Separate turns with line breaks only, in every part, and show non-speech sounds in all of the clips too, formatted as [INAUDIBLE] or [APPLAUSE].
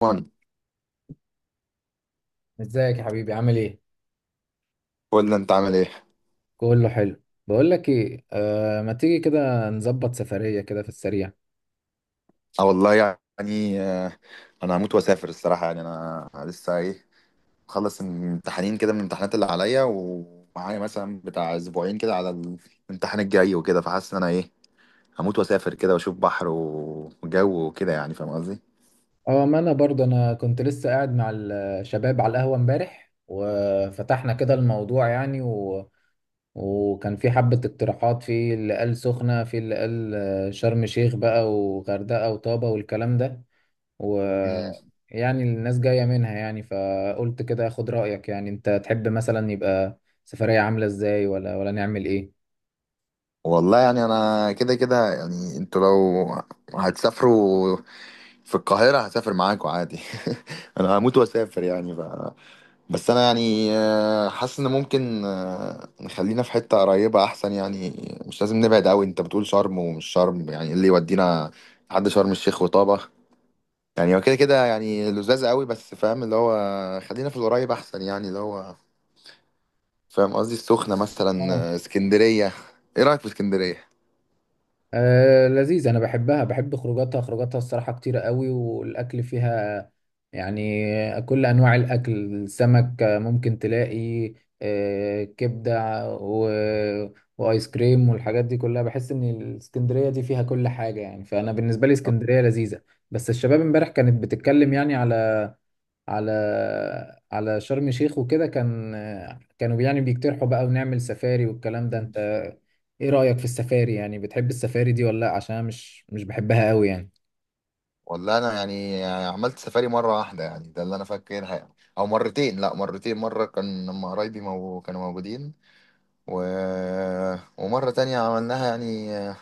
وان.
ازيك يا حبيبي، عامل ايه؟
قول لي انت عامل ايه؟
كله حلو، بقول لك ايه، ما تيجي كده نظبط سفرية كده في السريع.
اه والله. يعني انا هموت واسافر الصراحه. يعني انا لسه ايه مخلص امتحانين كده من الامتحانات اللي عليا، ومعايا مثلا بتاع اسبوعين كده على الامتحان الجاي وكده. فحاسس ان انا ايه هموت واسافر كده، واشوف بحر وجو وكده. يعني فاهم قصدي؟
اه، ما انا برضه انا كنت لسه قاعد مع الشباب على القهوة امبارح وفتحنا كده الموضوع وكان في حبة اقتراحات، في اللي قال سخنة، في اللي قال شرم شيخ بقى وغردقة وطابة والكلام ده و
مم.
يعني الناس جاية منها. يعني فقلت كده اخد رأيك، يعني انت تحب مثلا يبقى سفرية عاملة ازاي ولا نعمل ايه؟
والله يعني انا كده كده. يعني انتوا لو هتسافروا في القاهره هسافر معاكوا عادي. [LAUGHS] انا هموت واسافر يعني. بس انا يعني حاسس ان ممكن نخلينا في حتة قريبة احسن يعني. مش لازم نبعد قوي. انت بتقول شرم ومش شرم، يعني إيه اللي يودينا لحد شرم الشيخ وطابة؟ يعني هو كده كده يعني لذاذ قوي، بس فاهم، اللي هو خلينا في القريب احسن يعني. اللي هو فاهم قصدي، السخنة مثلا،
اه،
اسكندرية. ايه رأيك في اسكندرية؟
لذيذ. انا بحبها، بحب خروجاتها خروجاتها الصراحه كتيره قوي والاكل فيها، يعني كل انواع الاكل، سمك، ممكن تلاقي كبده وايس كريم والحاجات دي كلها. بحس ان الاسكندريه دي فيها كل حاجه يعني، فانا بالنسبه لي اسكندريه لذيذه. بس الشباب امبارح كانت بتتكلم يعني على على شرم الشيخ وكده. كانوا يعني بيقترحوا بقى ونعمل سفاري والكلام ده. انت ايه رأيك في السفاري؟ يعني بتحب السفاري دي ولا لا؟ عشان أنا مش بحبها قوي يعني.
والله انا يعني عملت سفاري مرة واحدة، يعني ده اللي انا فاكرها يعني. او مرتين، لا مرتين، مرة كان لما قرايبي كانوا موجودين. و... ومرة تانية عملناها يعني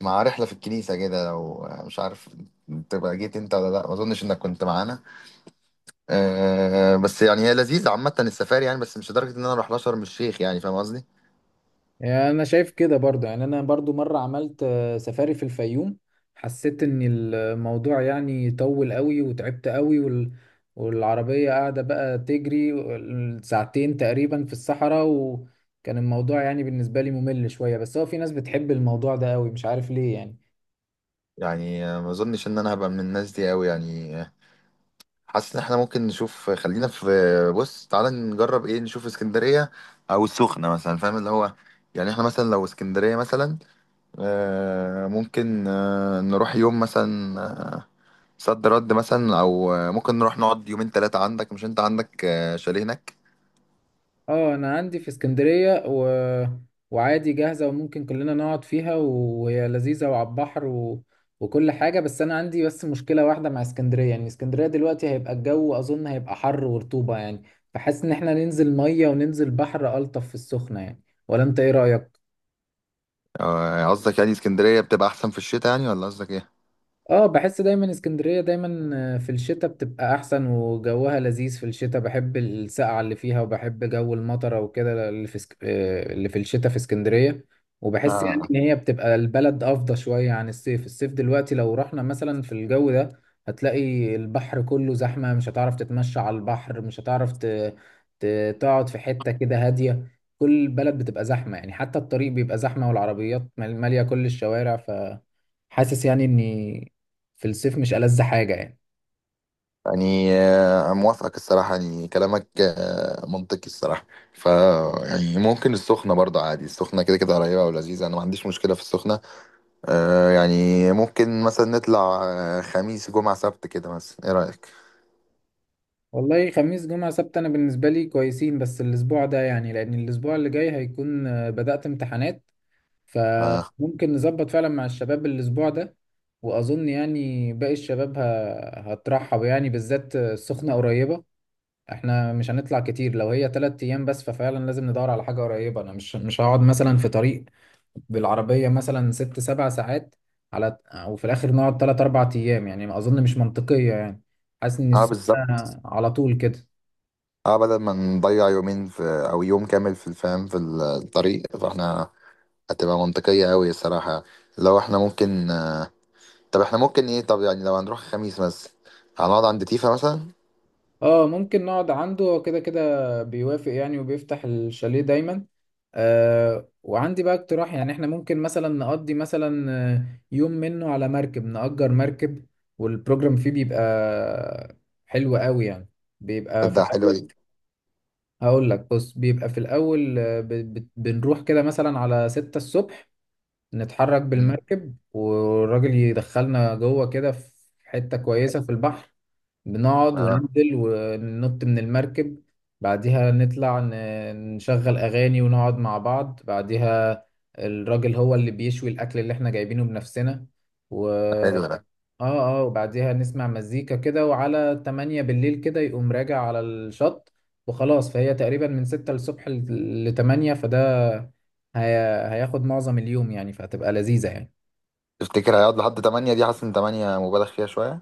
مع رحلة في الكنيسة كده. لو مش عارف تبقى جيت انت ولا لا، ما اظنش انك كنت معانا. أه، بس يعني هي لذيذة عامة السفاري يعني، بس مش لدرجة ان انا اروح لها شرم الشيخ. يعني فاهم قصدي؟
يعني انا شايف كده برضو. يعني انا برضو مرة عملت سفاري في الفيوم، حسيت ان الموضوع يعني طول قوي وتعبت قوي والعربية قاعدة بقى تجري ساعتين تقريبا في الصحراء. وكان الموضوع يعني بالنسبة لي ممل شوية، بس هو في ناس بتحب الموضوع ده قوي، مش عارف ليه يعني.
يعني ما اظنش ان انا هبقى من الناس دي قوي، يعني حاسس ان احنا ممكن نشوف، خلينا في، بص تعالى نجرب ايه، نشوف اسكندرية او السخنة مثلا، فاهم اللي هو. يعني احنا مثلا لو اسكندرية مثلا، ممكن نروح يوم مثلا. آه، صد رد مثلا، او ممكن نروح نقعد يومين ثلاثة عندك. مش انت عندك شاليه هناك؟
اه، انا عندي في اسكندرية وعادي جاهزة، وممكن كلنا نقعد فيها، وهي لذيذة وعلى البحر وكل حاجة. بس انا عندي بس مشكلة واحدة مع اسكندرية، يعني اسكندرية دلوقتي هيبقى الجو، اظن هيبقى حر ورطوبة يعني. فحاسس ان احنا ننزل مية وننزل بحر، الطف في السخنة، يعني ولا انت ايه رأيك؟
قصدك يعني اسكندرية بتبقى احسن في الشتاء، يعني ولا قصدك ايه؟
اه، بحس دايما اسكندرية دايما في الشتاء بتبقى احسن، وجوها لذيذ في الشتاء. بحب السقعة اللي فيها، وبحب جو المطرة وكده اللي في سك... آه، اللي في الشتاء في اسكندرية. وبحس يعني
آه.
ان هي بتبقى البلد افضى شوية عن الصيف. الصيف دلوقتي لو رحنا مثلا في الجو ده هتلاقي البحر كله زحمة، مش هتعرف تتمشى على البحر، مش هتعرف ت... تقعد في حتة كده هادية. كل البلد بتبقى زحمة، يعني حتى الطريق بيبقى زحمة والعربيات مالية كل الشوارع، ف حاسس يعني اني في الصيف مش ألذ حاجة يعني.
يعني موافقك الصراحة، يعني كلامك منطقي الصراحة. ف يعني ممكن السخنة برضه عادي. السخنة كده كده قريبة ولذيذة، أنا ما عنديش مشكلة في السخنة. يعني ممكن مثلا نطلع خميس جمعة سبت كده مثلا، إيه رأيك؟
والله خميس جمعة سبت أنا بالنسبة لي كويسين، بس الأسبوع ده يعني، لأن الأسبوع اللي جاي هيكون بدأت امتحانات.
اه.
فممكن نظبط فعلا مع الشباب الأسبوع ده. وأظن يعني باقي الشباب هترحب يعني، بالذات السخنة قريبة. احنا مش هنطلع كتير، لو هي 3 أيام بس ففعلا لازم ندور على حاجة قريبة. أنا مش هقعد مثلا في طريق بالعربية مثلا 6 7 ساعات على، وفي الآخر نقعد 3 4 أيام، يعني ما أظن مش منطقية يعني. حاسس إن
آه، بالظبط.
السخنة على طول كده.
اه، بدل ما نضيع يومين في، أو يوم كامل في الفهم، في الطريق، فاحنا هتبقى منطقية أوي الصراحة لو احنا ممكن. طب احنا ممكن ايه، طب يعني لو هنروح خميس مثلا هنقعد عند تيفا مثلا.
اه، ممكن نقعد عنده. هو كده كده بيوافق يعني، وبيفتح الشاليه دايما. وعندي بقى اقتراح، يعني احنا ممكن مثلا نقضي مثلا يوم منه على مركب، نأجر مركب، والبروجرام فيه بيبقى حلو قوي يعني. بيبقى في
تبدأ حلوة
الأول،
دي.
هقول لك بص، بيبقى في الأول بنروح كده مثلا على 6 الصبح، نتحرك
مم.
بالمركب والراجل يدخلنا جوه كده في حتة كويسة في البحر، بنقعد
اه.
وننزل وننط من المركب. بعديها نطلع نشغل أغاني ونقعد مع بعض. بعديها الراجل هو اللي بيشوي الأكل اللي احنا جايبينه بنفسنا.
حلو ده.
اه اه، وبعديها نسمع مزيكا كده، وعلى 8 بالليل كده يقوم راجع على الشط وخلاص. فهي تقريبا من 6 الصبح ل 8، فده هي... هياخد معظم اليوم يعني، فهتبقى لذيذة يعني.
تفتكر هيقعد لحد 8 دي؟ حاسس ان 8 مبالغ فيها شوية.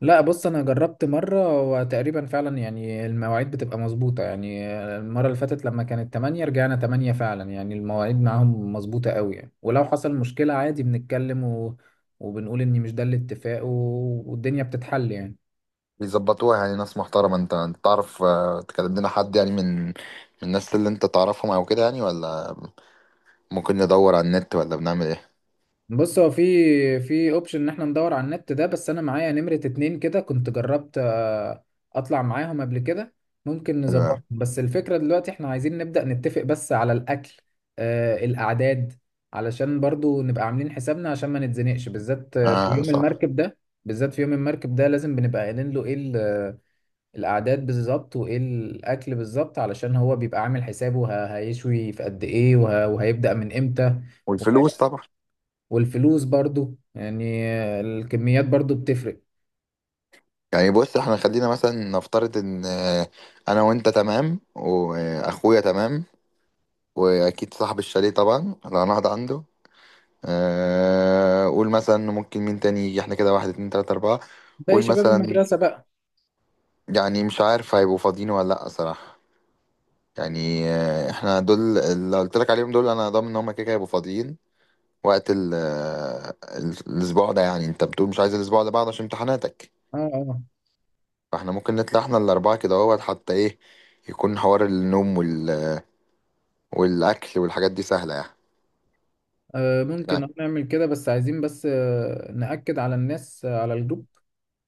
لا، بص، انا جربت مرة وتقريبا فعلا يعني المواعيد بتبقى مظبوطة يعني. المرة اللي فاتت لما كانت 8 رجعنا 8 فعلا، يعني المواعيد معاهم مظبوطة قوي يعني. ولو حصل مشكلة عادي بنتكلم وبنقول ان مش ده الاتفاق والدنيا بتتحل يعني.
بيظبطوها يعني ناس محترمة. انت تعرف تكلم لنا حد يعني، من الناس اللي انت تعرفهم او كده يعني، ولا ممكن ندور على النت؟ ولا بنعمل ايه؟
بص، هو في اوبشن ان احنا ندور على النت ده، بس انا معايا نمرة 2. كده كنت جربت اطلع معاهم قبل كده، ممكن
حلو أوي.
نظبطهم. بس الفكرة دلوقتي احنا عايزين نبدأ نتفق بس على الاكل، الاعداد، علشان برضو نبقى عاملين حسابنا عشان ما نتزنقش، بالذات في
اه،
يوم
صح.
المركب ده. بالذات في يوم المركب ده لازم بنبقى قايلين له ايه الاعداد بالظبط وايه الاكل بالظبط، علشان هو بيبقى عامل حسابه هيشوي في قد ايه وهيبدأ من امتى.
والفلوس طبعا.
والفلوس برضو يعني، الكميات برضو بتفرق.
يعني بص، احنا خلينا مثلا نفترض ان انا وانت تمام، واخويا تمام، واكيد صاحب الشاليه طبعا اللي هنقعد عنده. قول مثلا، ممكن مين تاني يجي؟ احنا كده واحد اتنين تلاتة اربعة.
باقي
قول
شباب
مثلا،
المدرسة بقى.
يعني مش عارف هيبقوا فاضيين ولا لأ صراحة. يعني احنا دول اللي قلت لك عليهم، دول انا ضامن ان هم كده كده هيبقوا فاضيين وقت الاسبوع ده. يعني انت بتقول مش عايز الاسبوع اللي بعده عشان امتحاناتك،
اه اه،
فاحنا ممكن نطلع احنا الأربعة كده اهوت. حتى ايه يكون حوار النوم والأكل والحاجات دي سهلة يعني.
ممكن
يعني
نعمل كده، بس عايزين بس نأكد على الناس، على الجروب،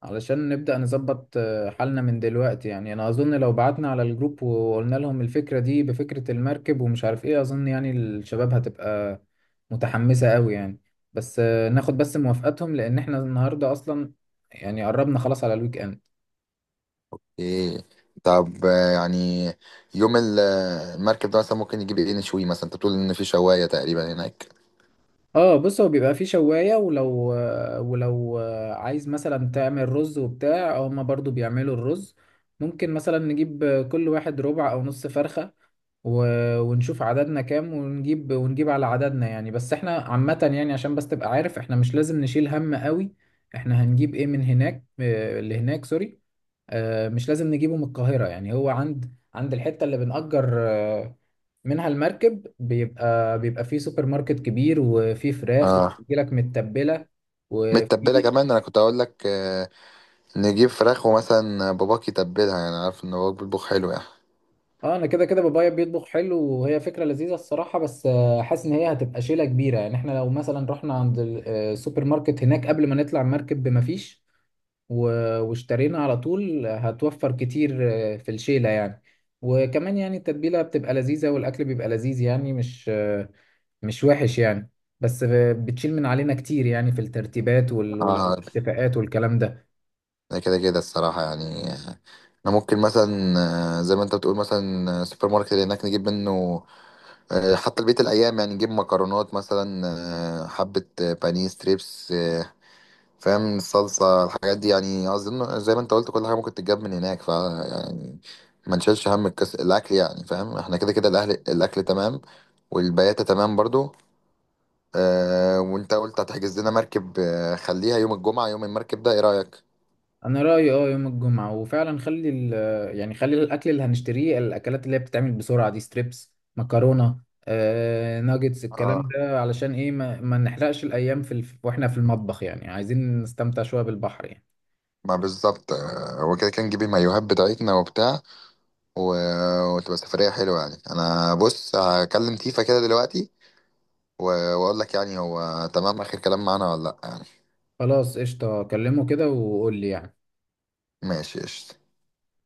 علشان نبدأ نظبط حالنا من دلوقتي. يعني أنا أظن لو بعتنا على الجروب وقلنا لهم الفكرة دي، بفكرة المركب ومش عارف إيه، أظن يعني الشباب هتبقى متحمسة قوي يعني. بس ناخد بس موافقتهم، لأن إحنا النهاردة أصلا يعني قربنا خلاص على الويك إند.
ايه. طب يعني يوم المركب ده مثلا ممكن نجيب ايه؟ نشوي مثلا. انت بتقول ان في شواية تقريبا هناك.
اه، بص هو بيبقى فيه شواية، ولو عايز مثلا تعمل رز وبتاع، هما برضو بيعملوا الرز. ممكن مثلا نجيب كل واحد ربع او نص فرخة ونشوف عددنا كام ونجيب ونجيب على عددنا يعني. بس احنا عامة يعني، عشان بس تبقى عارف، احنا مش لازم نشيل هم قوي احنا هنجيب ايه من هناك. اللي هناك سوري، مش لازم نجيبه من القاهرة. يعني هو عند الحتة اللي بنأجر منها المركب، بيبقى فيه سوبر ماركت كبير وفيه فراخ
اه،
وبتجيلك متبلة
متبلة
وفي
كمان. انا كنت اقول لك نجيب فراخ ومثلا باباك يتبلها. يعني عارف ان باباك بيطبخ حلو يعني.
اه، انا كده كده بابايا بيطبخ حلو، وهي فكرة لذيذة الصراحة، بس حاسس ان هي هتبقى شيلة كبيرة يعني. احنا لو مثلا رحنا عند السوبر ماركت هناك قبل ما نطلع المركب بمفيش واشترينا على طول، هتوفر كتير في الشيلة يعني. وكمان يعني التتبيلة بتبقى لذيذة والأكل بيبقى لذيذ، يعني مش وحش يعني. بس بتشيل من علينا كتير يعني في الترتيبات
اه،
والاتفاقات والكلام ده.
ده كده كده الصراحة يعني. احنا ممكن مثلا، زي ما انت بتقول مثلا، السوبر ماركت اللي هناك نجيب منه حتى لبقية الأيام. يعني نجيب مكرونات مثلا، حبة بانيه ستريبس، فاهم، الصلصة، الحاجات دي يعني. أظن زي ما أنت قلت كل حاجة ممكن تتجاب من هناك، ف يعني ما نشيلش هم الأكل يعني. فاهم احنا كده كده الأهل، الأكل تمام، والبياتة تمام برضو. وأنت قلت هتحجز لنا مركب. خليها يوم الجمعة يوم المركب ده، إيه رأيك؟
انا رأيي، اه، يوم الجمعة، وفعلا خلي ال يعني خلي الاكل اللي هنشتريه، الاكلات اللي هي بتتعمل بسرعة دي، ستريبس، مكرونة، ناجتس الكلام
اه،
ده، علشان ايه ما نحرقش الايام واحنا في المطبخ، يعني عايزين نستمتع شوية بالبحر يعني.
ما بالظبط. هو كده كان نجيب المايوهات بتاعتنا وبتاع، و... وتبقى سفرية حلوة يعني. أنا بص هكلم تيفا كده دلوقتي، و- واقول لك يعني هو تمام اخر كلام معانا ولا لا يعني.
خلاص قشطة، كلمه كده وقول لي يعني.
ماشي، قشطة.